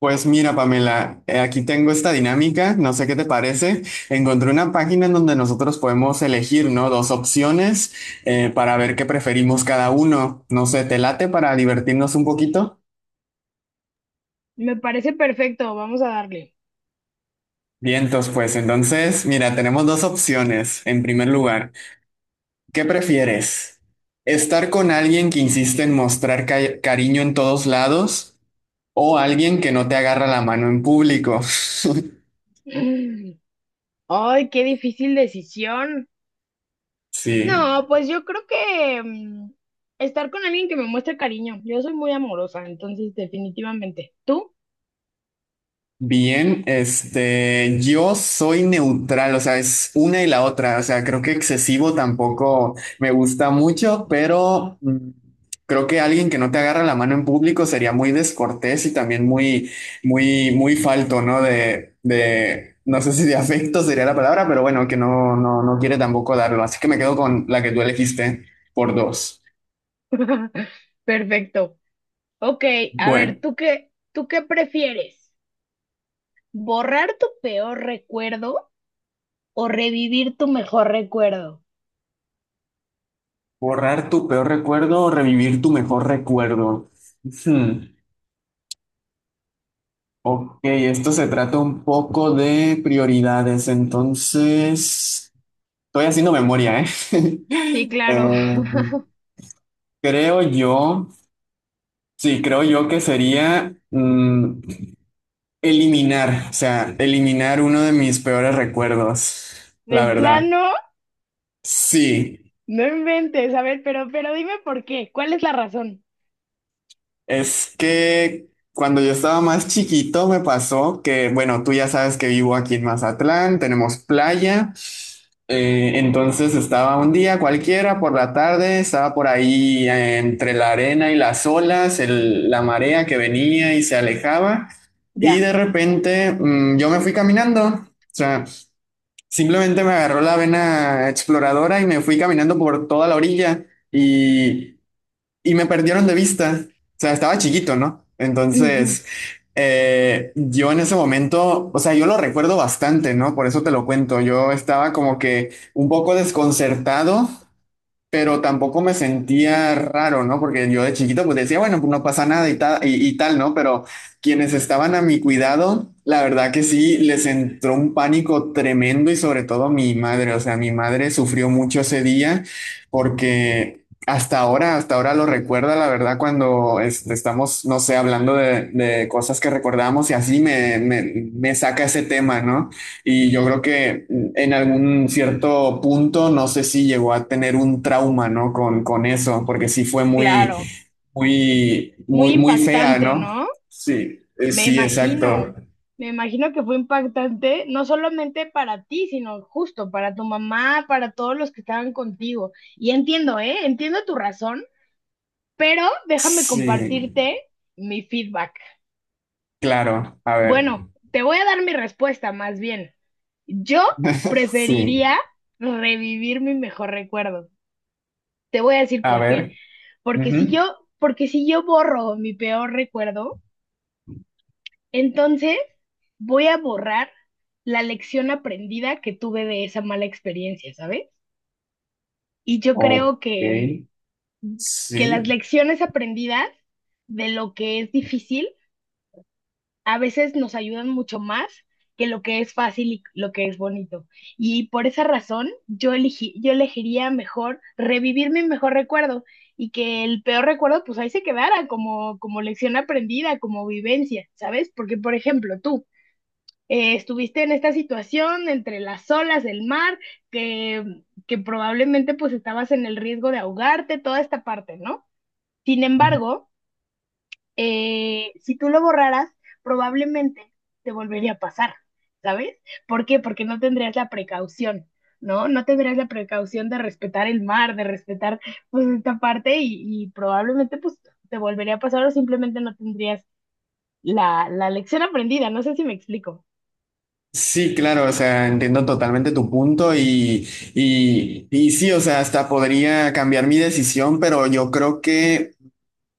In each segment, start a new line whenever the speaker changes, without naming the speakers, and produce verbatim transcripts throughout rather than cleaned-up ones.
Pues mira, Pamela, eh, aquí tengo esta dinámica, no sé qué te parece. Encontré una página en donde nosotros podemos elegir, ¿no? Dos opciones eh, para ver qué preferimos cada uno. No sé, ¿te late para divertirnos un poquito?
Me parece perfecto, vamos a darle.
Vientos, pues entonces, mira, tenemos dos opciones. En primer lugar, ¿qué prefieres? ¿Estar con alguien que insiste en mostrar ca- cariño en todos lados o alguien que no te agarra la mano en público?
Mm. Ay, qué difícil decisión.
Sí.
No, pues yo creo que mm, estar con alguien que me muestre cariño. Yo soy muy amorosa, entonces definitivamente. ¿Tú?
Bien, este, yo soy neutral, o sea, es una y la otra, o sea, creo que excesivo tampoco me gusta mucho, pero mm, creo que alguien que no te agarra la mano en público sería muy descortés y también muy, muy, muy falto, ¿no? De, de, no sé si de afecto sería la palabra, pero bueno, que no, no, no quiere tampoco darlo, así que me quedo con la que tú elegiste por dos.
Perfecto. Ok, a
Bueno,
ver, ¿tú qué, tú qué prefieres? ¿Borrar tu peor recuerdo o revivir tu mejor recuerdo?
borrar tu peor recuerdo o revivir tu mejor recuerdo. Hmm. Ok, esto se trata un poco de prioridades, entonces estoy haciendo memoria,
Sí,
¿eh?
claro.
Eh, creo yo, sí, creo yo que sería mm, eliminar, o sea, eliminar uno de mis peores recuerdos, la
De
verdad.
plano,
Sí.
no inventes. A ver, pero, pero dime por qué. ¿Cuál es la razón?
Es que cuando yo estaba más chiquito me pasó que, bueno, tú ya sabes que vivo aquí en Mazatlán, tenemos playa, eh, entonces estaba un día cualquiera por la tarde, estaba por ahí eh, entre la arena y las olas, el- la marea que venía y se alejaba, y
Ya.
de repente mm, yo me fui caminando. O sea, simplemente me agarró la vena exploradora y me fui caminando por toda la orilla. Y y me perdieron de vista. O sea, estaba chiquito, ¿no? Entonces, eh, yo en ese momento, o sea, yo lo recuerdo bastante, ¿no? Por eso te lo cuento. Yo estaba como que un poco desconcertado pero tampoco me sentía raro, ¿no? Porque yo de chiquito pues decía, bueno, pues no pasa nada y tal, y, y tal, ¿no? Pero quienes estaban a mi cuidado, la verdad que sí, les entró un pánico tremendo y sobre todo mi madre, o sea, mi madre sufrió mucho ese día porque... Hasta ahora, hasta ahora lo recuerda, la verdad, cuando este, estamos, no sé, hablando de, de cosas que recordamos y así me, me, me saca ese tema, ¿no? Y yo creo que en algún cierto punto, no sé si llegó a tener un trauma, ¿no? Con, con eso, porque sí fue muy,
Claro,
muy,
muy
muy, muy fea,
impactante,
¿no?
¿no?
Sí, eh,
Me
sí, exacto.
imagino, me imagino que fue impactante, no solamente para ti, sino justo para tu mamá, para todos los que estaban contigo. Y entiendo, ¿eh? Entiendo tu razón, pero déjame
Sí,
compartirte mi feedback.
claro. A ver.
Bueno, te voy a dar mi respuesta más bien. Yo
Sí,
preferiría revivir mi mejor recuerdo. Te voy a decir
a
por qué.
ver.
Porque si
Ujú.
yo, porque si yo borro mi peor recuerdo, entonces, voy a borrar la lección aprendida que tuve de esa mala experiencia, ¿sabes? Y yo
Ok.
creo que, que
Sí.
las lecciones aprendidas de lo que es difícil a veces nos ayudan mucho más que lo que es fácil y lo que es bonito. Y por esa razón, yo elegí, yo elegiría mejor revivir mi mejor recuerdo y que el peor recuerdo, pues ahí se quedara como, como lección aprendida, como vivencia, ¿sabes? Porque, por ejemplo, tú. Eh, estuviste en esta situación entre las olas del mar, que, que probablemente pues estabas en el riesgo de ahogarte, toda esta parte, ¿no? Sin embargo, eh, si tú lo borraras, probablemente te volvería a pasar, ¿sabes? ¿Por qué? Porque no tendrías la precaución. ¿No? No tendrías la precaución de respetar el mar, de respetar pues esta parte y, y probablemente pues te volvería a pasar o simplemente no tendrías la, la lección aprendida. No sé si me explico.
Sí, claro, o sea, entiendo totalmente tu punto y, y, y sí, o sea, hasta podría cambiar mi decisión, pero yo creo que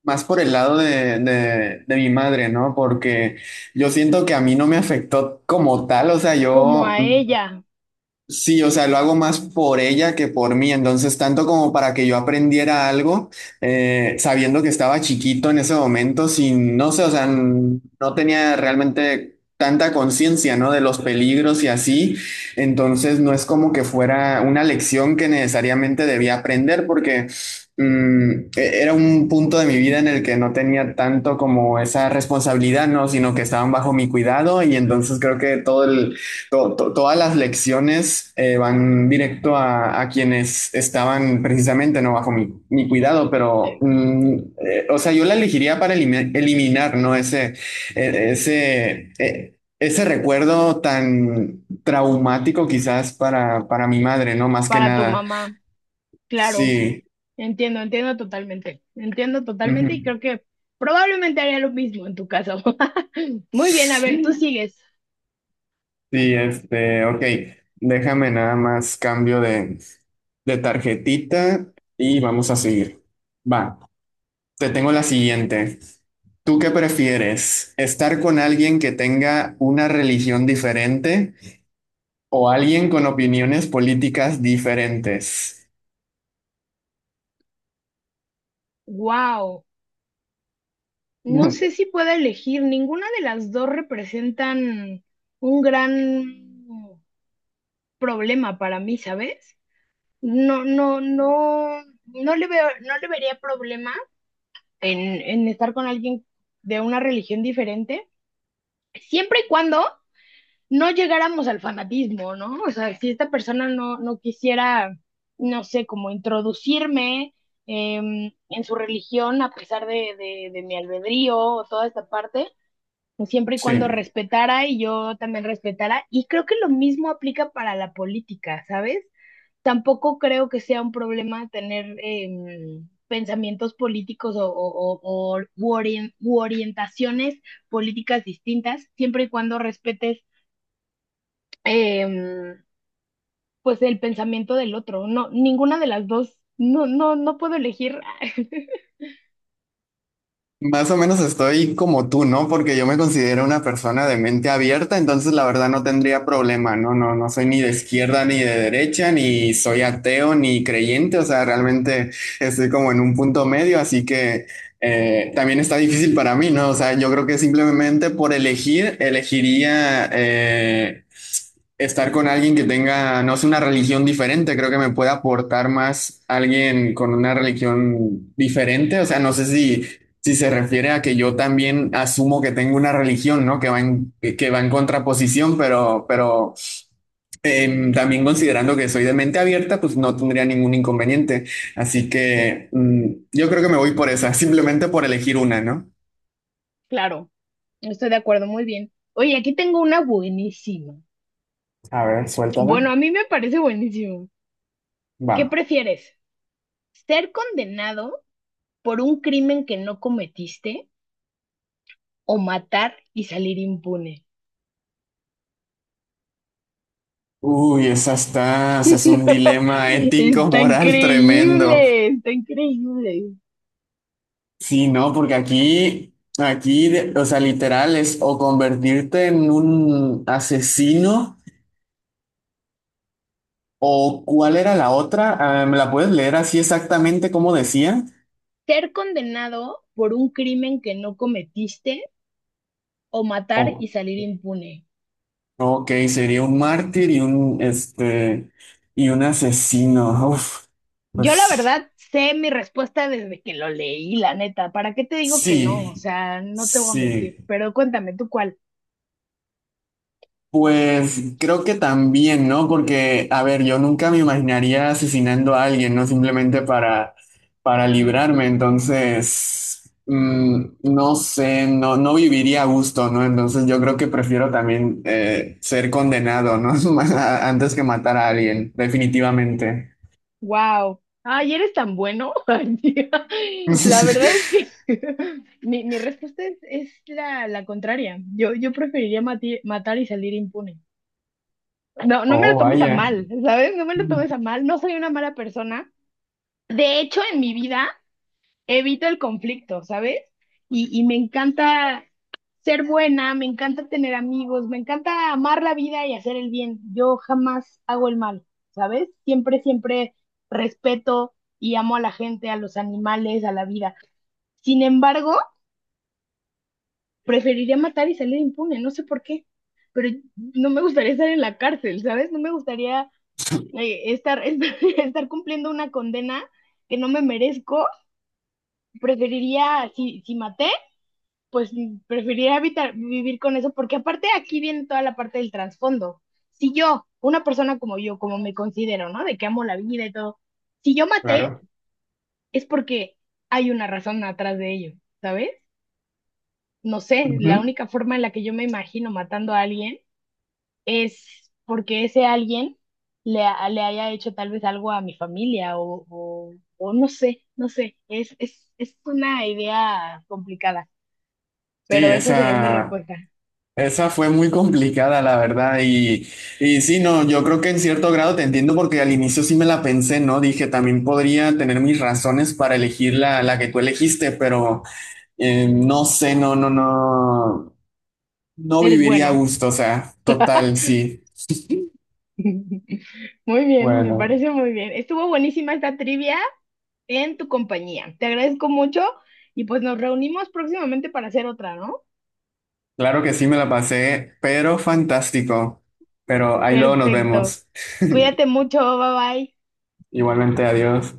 más por el lado de, de, de mi madre, ¿no? Porque yo siento que a mí no me afectó como tal, o sea,
Como
yo.
a ella,
Sí, o sea, lo hago más por ella que por mí, entonces tanto como para que yo aprendiera algo, eh, sabiendo que estaba chiquito en ese momento, sin, no sé, o sea, n- no tenía realmente tanta conciencia, ¿no? De los peligros y así, entonces no es como que fuera una lección que necesariamente debía aprender porque mm, e- era un punto de mi vida en el que no tenía tanto como esa responsabilidad, ¿no? Sino que estaban bajo mi cuidado y entonces creo que todo el to- to- todas las lecciones eh, van directo a, a quienes estaban precisamente no bajo mi, mi cuidado, pero
eh,
mm, eh, o sea, yo la elegiría para elimi- eliminar, ¿no? Ese, eh, ese, eh, ese recuerdo tan traumático quizás para, para mi madre, ¿no? Más que
para tu
nada.
mamá. Claro,
Sí.
entiendo, entiendo totalmente. Entiendo
Ujú.
totalmente y creo que probablemente haría lo mismo en tu caso. Muy bien, a ver, tú
Sí,
sigues.
este, ok. Déjame nada más cambio de, de tarjetita y vamos a seguir. Va. Te tengo la siguiente. ¿Tú qué prefieres? ¿Estar con alguien que tenga una religión diferente o alguien con opiniones políticas diferentes?
Wow, no sé si puedo elegir. Ninguna de las dos representan un gran problema para mí, ¿sabes? No, no, no, no le veo, no le vería problema en, en estar con alguien de una religión diferente, siempre y cuando no llegáramos al fanatismo, ¿no? O sea, si esta persona no, no quisiera, no sé, como introducirme em, en su religión a pesar de, de, de mi albedrío o toda esta parte, pues, siempre y cuando
Sí.
respetara y yo también respetara. Y creo que lo mismo aplica para la política, ¿sabes? Tampoco creo que sea un problema tener em, pensamientos políticos o, o- o- o- u orien- u orientaciones políticas distintas, siempre y cuando respetes em, pues el pensamiento del otro. No, ninguna de las dos. No, no, no puedo elegir.
Más o menos estoy como tú, ¿no? Porque yo me considero una persona de mente abierta, entonces la verdad no tendría problema, ¿no? No, no soy ni de izquierda ni de derecha, ni soy ateo ni creyente, o sea, realmente estoy como en un punto medio, así que eh, también está difícil para mí, ¿no? O sea, yo creo que simplemente por elegir, elegiría eh, estar con alguien que tenga, no sé, una religión diferente, creo que me puede aportar más alguien con una religión diferente, o sea, no sé si... Si se refiere a que yo también asumo que tengo una religión, ¿no? Que va en, que va en contraposición, pero, pero em, también considerando que soy de mente abierta, pues no tendría ningún inconveniente. Así que mm, yo creo que me voy por esa, simplemente por elegir una, ¿no?
Claro, estoy de acuerdo, muy bien. Oye, aquí tengo una buenísima.
A ver, suéltala.
Bueno, a mí me parece buenísimo.
Va.
¿Qué prefieres? ¿Ser condenado por un crimen que no cometiste o matar y salir impune?
Uy, esa está, ese es un dilema ético,
Está
moral tremendo.
increíble, está increíble.
Sí, no, porque aquí, aquí, de- o sea, literal es o convertirte en un asesino. ¿O cuál era la otra? Ah, ¿me la puedes leer así exactamente como decía?
¿Ser condenado por un crimen que no cometiste o matar
O-
y salir impune?
ok, sería un mártir y un, este, y un asesino. Uf,
Yo la
pues
verdad sé mi respuesta desde que lo leí, la neta. ¿Para qué te digo que no? O
sí,
sea, no te voy a mentir.
sí.
Pero cuéntame tú cuál.
Pues creo que también, ¿no? Porque, a ver, yo nunca me imaginaría asesinando a alguien, ¿no? Simplemente para, para librarme. Entonces, mm, no sé, no, no viviría a gusto, ¿no? Entonces yo creo que prefiero también eh, ser condenado, ¿no? A- Antes que matar a alguien, definitivamente.
Wow. Ay, eres tan bueno. Ay, tía. La verdad es que mi, mi respuesta es, es la, la contraria. Yo, yo preferiría mati- matar y salir impune. No, no me lo
Oh,
tomes a
vaya.
mal, ¿sabes? No me lo tomes a mal. No soy una mala persona. De hecho, en mi vida evito el conflicto, ¿sabes? Y, y me encanta ser buena, me encanta tener amigos, me encanta amar la vida y hacer el bien. Yo jamás hago el mal, ¿sabes? Siempre, siempre respeto y amo a la gente, a los animales, a la vida. Sin embargo, preferiría matar y salir impune, no sé por qué, pero no me gustaría estar en la cárcel, ¿sabes? No me gustaría eh, estar, estar, estar cumpliendo una condena que no me merezco. Preferiría, si, si maté, pues mm, preferiría evitar vivir con eso, porque aparte aquí viene toda la parte del trasfondo. Si yo, una persona como yo, como me considero, ¿no? De que amo la vida y todo, si yo maté,
Claro.
es porque hay una razón atrás de ello, ¿sabes? No sé, la
Ujú.
única forma en la que yo me imagino matando a alguien es porque ese alguien le, ha- le haya hecho tal vez algo a mi familia o, o, o no sé, no sé, es, es, es una idea complicada,
Sí,
pero esa sería mi
esa.
respuesta.
Esa fue muy complicada, la verdad. Y, y sí, no, yo creo que en cierto grado te entiendo porque al inicio sí me la pensé, ¿no? Dije, también podría tener mis razones para elegir la, la que tú elegiste, pero eh, no sé, no, no, no, no
Eres
viviría a
bueno.
gusto, o sea, total, sí.
Muy bien, me
Bueno,
parece muy bien. Estuvo buenísima esta trivia en tu compañía. Te agradezco mucho y pues nos reunimos próximamente para hacer otra, ¿no?
claro que sí me la pasé, pero fantástico. Pero ahí luego nos
Perfecto.
vemos.
Cuídate mucho, bye bye.
Igualmente, adiós.